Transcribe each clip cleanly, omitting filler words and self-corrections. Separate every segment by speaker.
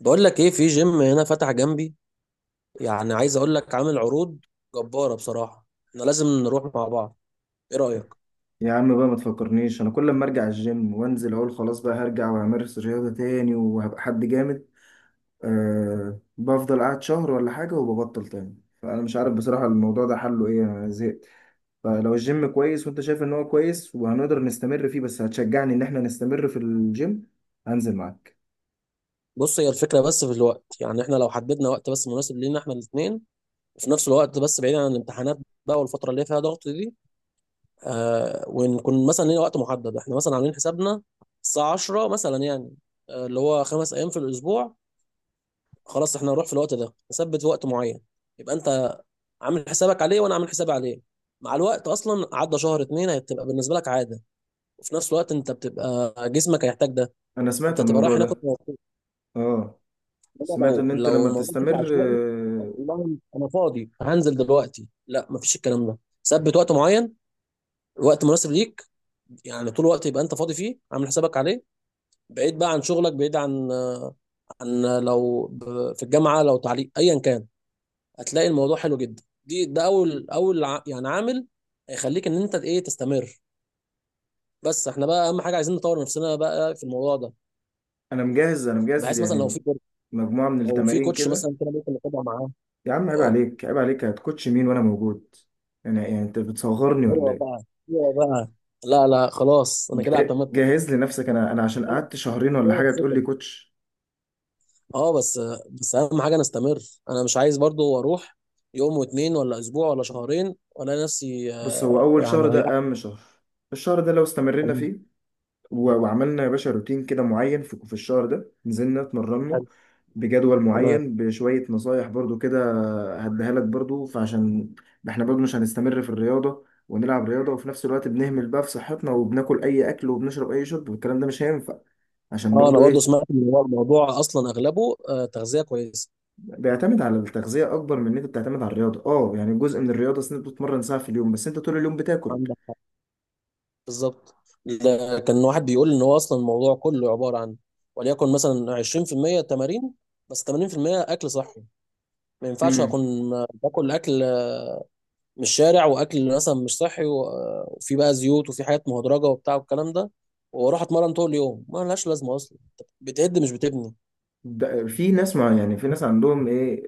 Speaker 1: بقول لك ايه؟ في جيم هنا فتح جنبي، يعني عايز اقول لك عامل عروض جبارة. بصراحة احنا لازم نروح مع بعض. ايه رأيك؟
Speaker 2: يا عم بقى ما تفكرنيش انا كل ما ارجع الجيم وانزل اقول خلاص بقى هرجع وامارس رياضة تاني وهبقى حد جامد. أه، بفضل قاعد شهر ولا حاجة وببطل تاني. فانا مش عارف بصراحة الموضوع ده حله ايه، انا زهقت. فلو الجيم كويس وانت شايف ان هو كويس وهنقدر نستمر فيه، بس هتشجعني ان احنا نستمر في الجيم هنزل معاك.
Speaker 1: بص، هي الفكرة، بس في الوقت، يعني احنا لو حددنا وقت بس مناسب لينا احنا الاثنين، وفي نفس الوقت بس بعيد عن الامتحانات بقى والفترة اللي فيها ضغط دي. ونكون مثلا لينا وقت محدد، احنا مثلا عاملين حسابنا الساعة 10 مثلا، يعني اللي هو خمس ايام في الاسبوع. خلاص، احنا هنروح في الوقت ده، نثبت وقت معين، يبقى انت عامل حسابك عليه وانا عامل حسابي عليه. مع الوقت اصلا عدى شهر اتنين هتبقى بالنسبه لك عاده، وفي نفس الوقت انت بتبقى جسمك هيحتاج ده.
Speaker 2: انا سمعت
Speaker 1: انت تبقى رايح
Speaker 2: الموضوع
Speaker 1: هناك وأنت
Speaker 2: ده.
Speaker 1: مبسوط.
Speaker 2: اه،
Speaker 1: إنما
Speaker 2: سمعت
Speaker 1: لو
Speaker 2: ان انت
Speaker 1: لو
Speaker 2: لما
Speaker 1: الموضوع بشكل
Speaker 2: بتستمر
Speaker 1: عشوائي. والله انا فاضي هنزل دلوقتي؟ لا، مفيش الكلام ده. ثبت وقت معين، وقت مناسب ليك، يعني طول الوقت يبقى انت فاضي فيه، عامل حسابك عليه، بعيد بقى عن شغلك، بعيد عن في الجامعه، لو تعليق ايا كان، هتلاقي الموضوع حلو جدا. ده اول، يعني عامل هيخليك ان انت ايه تستمر. بس احنا بقى اهم حاجه عايزين نطور نفسنا بقى في الموضوع ده،
Speaker 2: انا مجهز، انا مجهز.
Speaker 1: بحيث مثلا لو في كوتش
Speaker 2: مجموعة من
Speaker 1: لو في
Speaker 2: التمارين
Speaker 1: كوتش
Speaker 2: كده.
Speaker 1: مثلا كده ممكن نتابع معاه.
Speaker 2: يا عم عيب
Speaker 1: اه.
Speaker 2: عليك، عيب عليك، هتكوتش مين وانا موجود؟ يعني انت بتصغرني ولا
Speaker 1: ايوه بقى،
Speaker 2: ايه؟
Speaker 1: ايوه بقى. لا لا، خلاص انا كده اعتمدت.
Speaker 2: جهز لي نفسك، انا عشان
Speaker 1: كفاية-
Speaker 2: قعدت شهرين ولا
Speaker 1: كفاية
Speaker 2: حاجه تقول
Speaker 1: الثقة.
Speaker 2: لي كوتش.
Speaker 1: اه، بس اهم حاجه نستمر. انا مش عايز برضو اروح يوم واتنين ولا اسبوع ولا شهرين ولا نفسي
Speaker 2: بص هو اول
Speaker 1: يعني
Speaker 2: شهر
Speaker 1: ريحت.
Speaker 2: ده اهم شهر، الشهر ده لو استمرينا
Speaker 1: تمام.
Speaker 2: فيه وعملنا يا باشا روتين كده معين في الشهر ده، نزلنا اتمرنا
Speaker 1: حلو.
Speaker 2: بجدول
Speaker 1: تمام.
Speaker 2: معين بشويه نصايح برضو كده هديها لك برضو. فعشان احنا برضو مش هنستمر في الرياضه ونلعب رياضه وفي نفس الوقت بنهمل بقى في صحتنا وبناكل اي اكل وبنشرب اي شرب، والكلام ده مش هينفع. عشان
Speaker 1: اه، انا
Speaker 2: برضو
Speaker 1: برضو
Speaker 2: ايه،
Speaker 1: سمعت ان هو الموضوع اصلا اغلبه تغذيه كويسه.
Speaker 2: بيعتمد على التغذية أكبر من إن أنت بتعتمد على الرياضة. أه يعني جزء من الرياضة، أصل أنت بتتمرن ساعة في اليوم بس أنت طول اليوم بتاكل.
Speaker 1: عندك حق، بالظبط. لا، كان واحد بيقول ان هو اصلا الموضوع كله عباره عن، وليكن مثلا 20% تمارين بس 80% اكل صحي. ما ينفعش
Speaker 2: امم،
Speaker 1: اكون باكل اكل من الشارع، واكل مثلا مش صحي، وفي بقى زيوت وفي حاجات مهدرجه وبتاع والكلام ده، واروح اتمرن طول اليوم. ما لهاش لازمه اصلا، أنت بتهد مش بتبني.
Speaker 2: ده في ناس مع يعني في ناس عندهم إيه،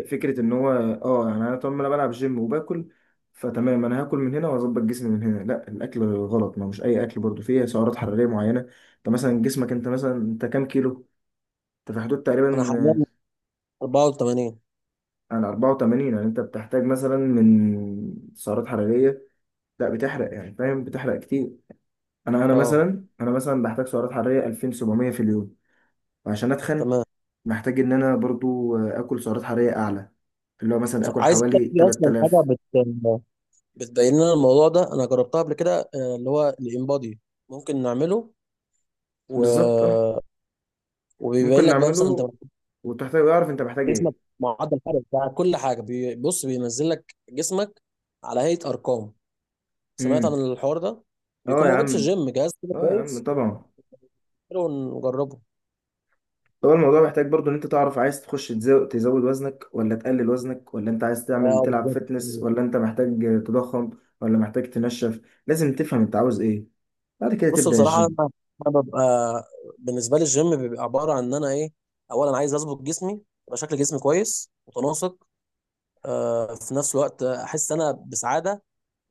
Speaker 2: فكرة إن هو أه، يعني أنا طول ما أنا بلعب جيم وباكل فتمام، أنا هاكل من هنا وأظبط جسمي من هنا. لا، الأكل غلط، ما هو مش أي أكل برضه، فيه سعرات حرارية معينة. أنت مثلا جسمك، أنت مثلا أنت كام كيلو؟ أنت في حدود
Speaker 1: انا
Speaker 2: تقريبا
Speaker 1: حاليا 84.
Speaker 2: عن 84، يعني أنت بتحتاج مثلا من سعرات حرارية، لا بتحرق يعني فاهم، بتحرق كتير. انا انا
Speaker 1: اه،
Speaker 2: مثلا انا مثلا بحتاج سعرات حراريه 2700 في اليوم، وعشان اتخن
Speaker 1: تمام.
Speaker 2: محتاج ان انا برضو اكل سعرات حراريه اعلى، اللي هو مثلا اكل
Speaker 1: عايز اقول لك
Speaker 2: حوالي
Speaker 1: في اصلا حاجه
Speaker 2: 3000.
Speaker 1: بت بتبين لنا الموضوع ده، انا جربتها قبل كده، اللي هو الانبادي. ممكن نعمله و...
Speaker 2: بالظبط اه،
Speaker 1: وبيبين
Speaker 2: ممكن
Speaker 1: لك بقى مثلا انت،
Speaker 2: نعمله وتحتاج اعرف انت محتاج
Speaker 1: جسمك،
Speaker 2: ايه.
Speaker 1: معدل الحرق بتاع كل حاجه. بص، بينزل لك جسمك على هيئه ارقام. سمعت عن
Speaker 2: امم،
Speaker 1: الحوار ده؟
Speaker 2: اه
Speaker 1: بيكون
Speaker 2: يا
Speaker 1: موجود في
Speaker 2: عم،
Speaker 1: الجيم جهاز كده
Speaker 2: اه يا عم
Speaker 1: كويس.
Speaker 2: طبعا.
Speaker 1: حلو، نجربه.
Speaker 2: هو الموضوع محتاج برضو ان انت تعرف عايز تخش تزود وزنك ولا تقلل وزنك، ولا انت عايز تعمل
Speaker 1: اه،
Speaker 2: تلعب
Speaker 1: بالظبط.
Speaker 2: فتنس، ولا انت محتاج تضخم، ولا محتاج تنشف. لازم تفهم انت عاوز ايه بعد كده
Speaker 1: بص،
Speaker 2: تبدأ
Speaker 1: بصراحه، انا
Speaker 2: الجيم.
Speaker 1: أنا ببقى بالنسبه لي الجيم بيبقى عباره عن ان انا ايه، اولا عايز اظبط جسمي، يبقى شكل جسمي كويس متناسق. في نفس الوقت احس انا بسعاده،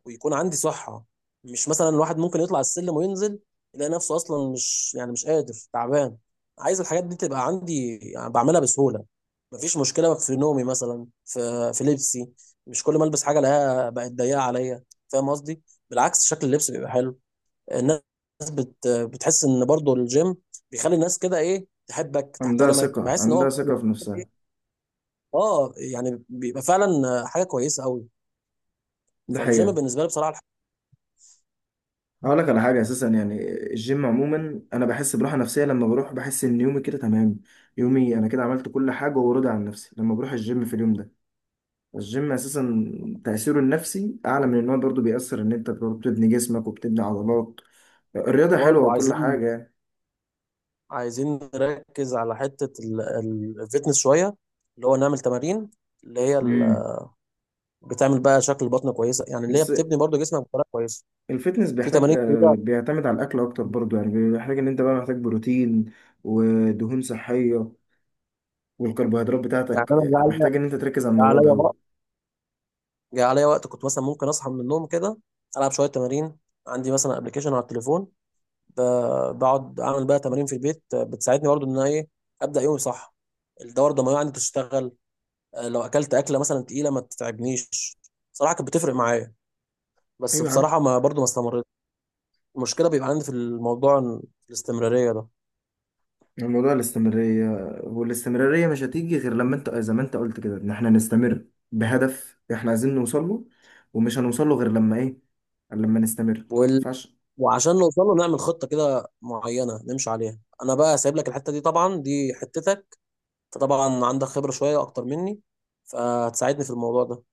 Speaker 1: ويكون عندي صحة. مش مثلا الواحد ممكن يطلع السلم وينزل يلاقي نفسه أصلا مش، يعني مش قادر، تعبان. عايز الحاجات دي تبقى عندي، يعني بعملها بسهولة. مفيش مشكلة في نومي مثلا، في لبسي، مش كل ما ألبس حاجة لها بقت ضيقة عليا. فاهم قصدي؟ بالعكس، شكل اللبس بيبقى حلو. الناس بتحس إن برضو الجيم بيخلي الناس كده، إيه، تحبك،
Speaker 2: عندها
Speaker 1: تحترمك،
Speaker 2: ثقة،
Speaker 1: بحس إن هو.
Speaker 2: عندها ثقة في نفسها،
Speaker 1: اه، يعني بيبقى فعلا حاجة كويسة قوي.
Speaker 2: ده
Speaker 1: فالجيم
Speaker 2: حقيقة.
Speaker 1: بالنسبة لي بصراحة.
Speaker 2: هقول لك على حاجة أساسا، يعني الجيم عموما أنا بحس براحة نفسية لما بروح، بحس إن يومي كده تمام، يومي أنا كده عملت كل حاجة وراضي عن نفسي لما بروح الجيم في اليوم ده. الجيم أساسا تأثيره النفسي أعلى من إن هو برضه بيأثر إن أنت برضه بتبني جسمك وبتبني عضلات. الرياضة حلوة
Speaker 1: وبرضه
Speaker 2: وكل
Speaker 1: عايزين
Speaker 2: حاجة يعني.
Speaker 1: عايزين نركز على حتة الفتنس شوية، اللي هو نعمل تمارين اللي هي
Speaker 2: امم،
Speaker 1: بتعمل بقى شكل بطن كويسة، يعني اللي هي
Speaker 2: بس
Speaker 1: بتبني برضو جسمك بطريقة كويسة.
Speaker 2: الفتنس
Speaker 1: في
Speaker 2: بيحتاج
Speaker 1: تمارين كتيرة.
Speaker 2: بيعتمد على الأكل أكتر برضه، يعني بيحتاج إن أنت بقى محتاج بروتين ودهون صحية والكربوهيدرات
Speaker 1: يعني
Speaker 2: بتاعتك،
Speaker 1: أنا جه عليا
Speaker 2: محتاج ان انت تركز على
Speaker 1: جه
Speaker 2: الموضوع ده
Speaker 1: عليا
Speaker 2: قوي.
Speaker 1: وقت جه عليا وقت كنت مثلا ممكن أصحى من النوم كده، ألعب شوية تمارين، عندي مثلا أبلكيشن على التليفون، بقعد أعمل بقى تمارين في البيت، بتساعدني برضو إن أنا، إيه، أبدأ يومي صح، الدورة الدموية عندي تشتغل، لو أكلت أكلة مثلا تقيلة ما تتعبنيش. صراحة كانت بتفرق معايا، بس
Speaker 2: ايوه يا عم،
Speaker 1: بصراحة ما برضو ما استمرتش. المشكله بيبقى عندي في الموضوع في الاستمراريه ده.
Speaker 2: الموضوع الاستمرارية، والاستمرارية مش هتيجي غير لما انت زي ما انت قلت كده ان احنا نستمر بهدف احنا عايزين نوصل له، ومش هنوصل له غير لما ايه، لما نستمر ما
Speaker 1: وال...
Speaker 2: ينفعش.
Speaker 1: وعشان نوصل له نعمل خطه كده معينه نمشي عليها. انا بقى سايب لك الحته دي طبعا، دي حتتك، فطبعا عندك خبره شويه اكتر مني، فهتساعدني في الموضوع ده.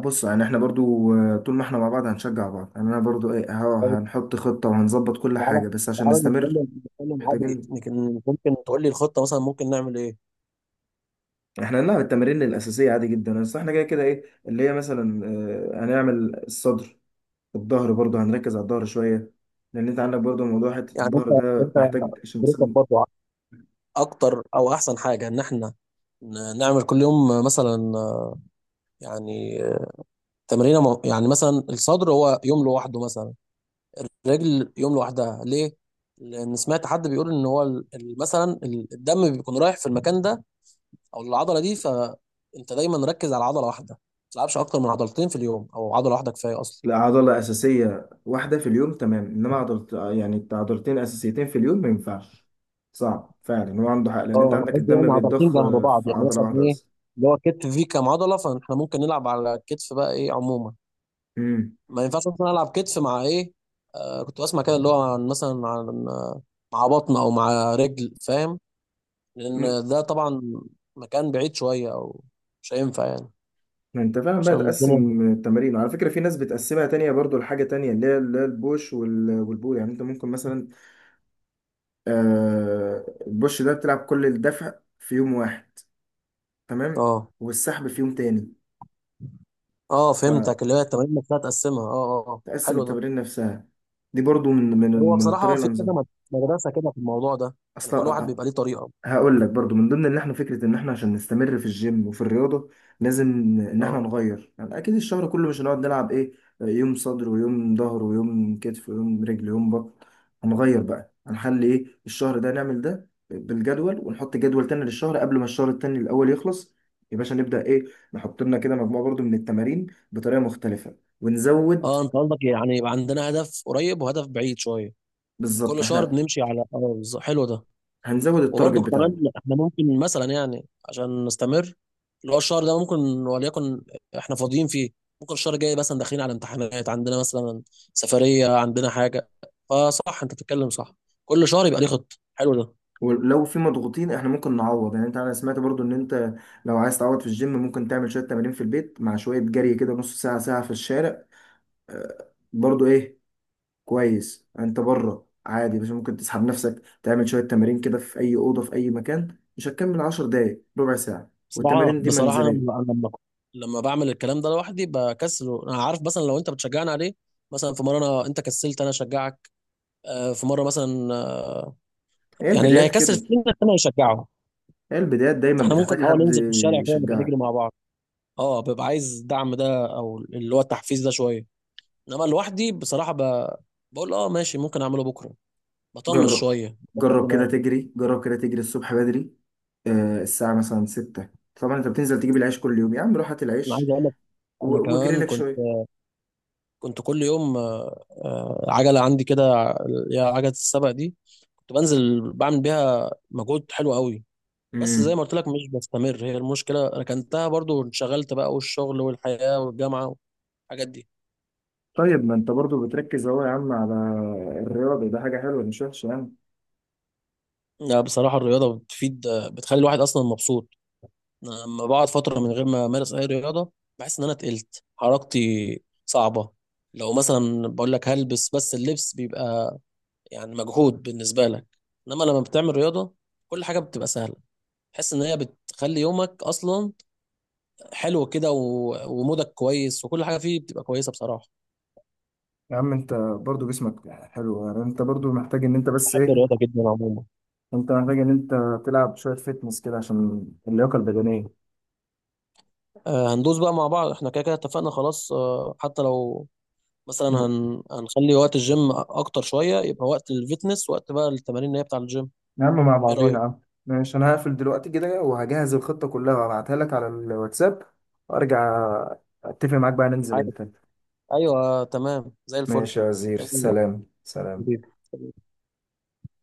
Speaker 2: بص يعني احنا برضو طول ما احنا مع بعض هنشجع بعض، يعني انا برضو ايه اهو،
Speaker 1: طيب،
Speaker 2: هنحط خطة وهنظبط كل
Speaker 1: تعالى،
Speaker 2: حاجة بس عشان
Speaker 1: تعالى
Speaker 2: نستمر.
Speaker 1: نتكلم نتكلم عادي.
Speaker 2: محتاجين
Speaker 1: ممكن تقول لي الخطه مثلا، ممكن نعمل ايه؟
Speaker 2: احنا هنلعب التمارين الأساسية عادي جدا، بس احنا كده كده ايه اللي هي مثلا هنعمل الصدر، الظهر برضو هنركز على الظهر شوية لأن أنت عندك برضو موضوع حتة
Speaker 1: يعني انت
Speaker 2: الظهر ده
Speaker 1: انت
Speaker 2: محتاج عشان
Speaker 1: تدرسك
Speaker 2: تصيب.
Speaker 1: برضه اكتر، او احسن حاجه ان احنا نعمل كل يوم مثلا، يعني تمرينه، يعني مثلا الصدر هو يوم لوحده مثلا، رجل يوم لوحدها. ليه؟ لأن سمعت حد بيقول إن هو الدم بيكون رايح في المكان ده أو العضلة دي، فأنت دايما ركز على عضلة واحدة، ما تلعبش أكتر من عضلتين في اليوم، أو عضلة واحدة كفاية أصلا.
Speaker 2: عضلة أساسية واحدة في اليوم تمام، إنما عضلة يعني عضلتين أساسيتين في اليوم ما ينفعش، صعب فعلا هو عنده حق، لأن
Speaker 1: اه،
Speaker 2: أنت
Speaker 1: انا
Speaker 2: عندك
Speaker 1: قصدي
Speaker 2: الدم
Speaker 1: يعني عضلتين
Speaker 2: بيتضخ
Speaker 1: جنب
Speaker 2: في
Speaker 1: بعض، يعني
Speaker 2: عضلة
Speaker 1: مثلا
Speaker 2: واحدة
Speaker 1: ايه،
Speaker 2: بس.
Speaker 1: اللي هو الكتف فيه كام عضله، فاحنا ممكن نلعب على الكتف بقى ايه عموما.
Speaker 2: امم،
Speaker 1: ما ينفعش مثلا العب كتف مع ايه، كنت بسمع كده، اللي هو عن مثلا، عن آه، مع بطن او مع رجل، فاهم؟
Speaker 2: أمم.
Speaker 1: لان ده طبعا مكان بعيد شويه، او مش هينفع يعني،
Speaker 2: ما أنت فعلا بقى
Speaker 1: عشان الدنيا.
Speaker 2: تقسم التمارين، وعلى فكرة في ناس بتقسمها تانية برضو لحاجة تانية، اللي هي البوش والبول، يعني أنت ممكن مثلا البوش ده بتلعب كل الدفع في يوم واحد تمام،
Speaker 1: اه
Speaker 2: والسحب في يوم تاني.
Speaker 1: اه، فهمتك، اللي هي التمارين نفسها تقسمها. اه اه اه،
Speaker 2: فتقسم
Speaker 1: حلو ده.
Speaker 2: التمارين نفسها، دي برضو من
Speaker 1: هو
Speaker 2: من
Speaker 1: بصراحة
Speaker 2: الطريقه
Speaker 1: في كذا
Speaker 2: الانظمه
Speaker 1: مدرسة كده في الموضوع ده، يعني كل واحد
Speaker 2: اصلا.
Speaker 1: بيبقى ليه طريقة.
Speaker 2: هقول لك برضو من ضمن ان احنا فكره ان احنا عشان نستمر في الجيم وفي الرياضه لازم ان
Speaker 1: اه
Speaker 2: احنا نغير، يعني اكيد الشهر كله مش هنقعد نلعب ايه، يوم صدر ويوم ظهر ويوم كتف ويوم رجل ويوم بطن. هنغير بقى، هنخلي ايه الشهر ده نعمل ده بالجدول، ونحط جدول تاني للشهر قبل ما الشهر التاني الاول يخلص، يا باشا نبدا ايه، نحط لنا كده مجموعه برضو من التمارين بطريقه مختلفه ونزود.
Speaker 1: اه، انت قصدك يعني يبقى عندنا هدف قريب وهدف بعيد شوية،
Speaker 2: بالظبط،
Speaker 1: وكل شهر
Speaker 2: احنا
Speaker 1: بنمشي على، اه، بالظبط. حلو ده.
Speaker 2: هنزود التارجت
Speaker 1: وبرضه
Speaker 2: بتاعنا.
Speaker 1: كمان، احنا ممكن مثلا، يعني عشان نستمر، اللي هو الشهر ده ممكن، وليكن احنا فاضيين فيه، ممكن الشهر الجاي مثلا داخلين على امتحانات عندنا، مثلا سفرية، عندنا حاجة. فصح، انت بتتكلم صح، كل شهر يبقى ليه خطة. حلو ده.
Speaker 2: ولو في مضغوطين احنا ممكن نعوض، يعني انت انا سمعت برضو ان انت لو عايز تعوض في الجيم ممكن تعمل شوية تمارين في البيت مع شوية جري كده نص ساعة ساعة في الشارع. برضو ايه كويس، انت بره عادي بس ممكن تسحب نفسك تعمل شوية تمارين كده في اي أوضة في اي مكان، مش هتكمل 10 دقايق ربع ساعة،
Speaker 1: بصراحة
Speaker 2: والتمارين دي
Speaker 1: بصراحة أنا لما
Speaker 2: منزلية.
Speaker 1: أنا لما لما بعمل الكلام ده لوحدي بكسله. أنا عارف مثلا لو أنت بتشجعني عليه، مثلا في مرة أنت كسلت أنا أشجعك، في مرة مثلا،
Speaker 2: هي
Speaker 1: يعني اللي
Speaker 2: البدايات
Speaker 1: هيكسل
Speaker 2: كده،
Speaker 1: فينا أنا هيشجعه.
Speaker 2: هي البدايات دايما
Speaker 1: فإحنا ممكن
Speaker 2: بتحتاج
Speaker 1: الأول
Speaker 2: حد
Speaker 1: ننزل في الشارع كده نبقى نجري
Speaker 2: يشجعك.
Speaker 1: مع بعض. أه، ببقى عايز الدعم ده أو اللي هو التحفيز ده شوية. إنما لوحدي بصراحة بقول أه ماشي، ممكن أعمله بكرة، بطنش
Speaker 2: جرب،
Speaker 1: شوية، بكبر
Speaker 2: جرب كده
Speaker 1: دماغي.
Speaker 2: تجري، جرب كده تجري الصبح بدري الساعة مثلا 6. طبعا انت بتنزل تجيب العيش كل يوم يا عم، روح هات
Speaker 1: أنا
Speaker 2: العيش
Speaker 1: عايز أقول لك، أنا
Speaker 2: واجري
Speaker 1: كمان
Speaker 2: لك
Speaker 1: كنت
Speaker 2: شوية.
Speaker 1: كنت كل يوم، عجلة عندي كده، اللي هي عجلة السبق دي، كنت بنزل بعمل بيها مجهود حلو قوي. بس زي ما
Speaker 2: امم،
Speaker 1: قلت لك مش بستمر، هي المشكله. ركنتها برضو وانشغلت بقى، والشغل والحياه والجامعه والحاجات دي.
Speaker 2: طيب ما انت برضو بتركز اهو يا عم على الرياضة، ده حاجة حلوة مش وحشة يعني.
Speaker 1: لا، بصراحه الرياضه بتفيد، بتخلي الواحد اصلا مبسوط. أنا لما بقعد فتره من غير ما امارس اي رياضه، بحس ان انا تقلت، حركتي صعبه، لو مثلا بقول لك هلبس، بس اللبس بيبقى يعني مجهود بالنسبه لك. انما لما بتعمل رياضه كل حاجه بتبقى سهله، تحس ان هي بتخلي يومك اصلا حلو كده، ومودك كويس، وكل حاجه فيه بتبقى كويسه بصراحه.
Speaker 2: يا عم انت برضو جسمك حلو، يعني انت برضو محتاج ان انت بس
Speaker 1: بحب
Speaker 2: ايه،
Speaker 1: الرياضة جدا عموما.
Speaker 2: انت محتاج ان انت تلعب شوية فتنس كده عشان اللياقة البدنية.
Speaker 1: هندوس بقى مع بعض، احنا كده كده اتفقنا خلاص. حتى لو مثلا
Speaker 2: مم.
Speaker 1: هنخلي وقت الجيم اكتر شويه، يبقى وقت الفيتنس وقت بقى التمارين اللي هي بتاع الجيم.
Speaker 2: يا عم مع
Speaker 1: ايه
Speaker 2: بعضينا
Speaker 1: رايك؟
Speaker 2: يا عم. ماشي، انا هقفل دلوقتي كده وهجهز الخطة كلها وابعتها لك على الواتساب، وارجع اتفق معاك بقى ننزل
Speaker 1: عارف؟
Speaker 2: انت.
Speaker 1: ايوه تمام، زي الفل.
Speaker 2: ماشي يا وزير،
Speaker 1: تمام يا
Speaker 2: سلام سلام.
Speaker 1: حبيبي.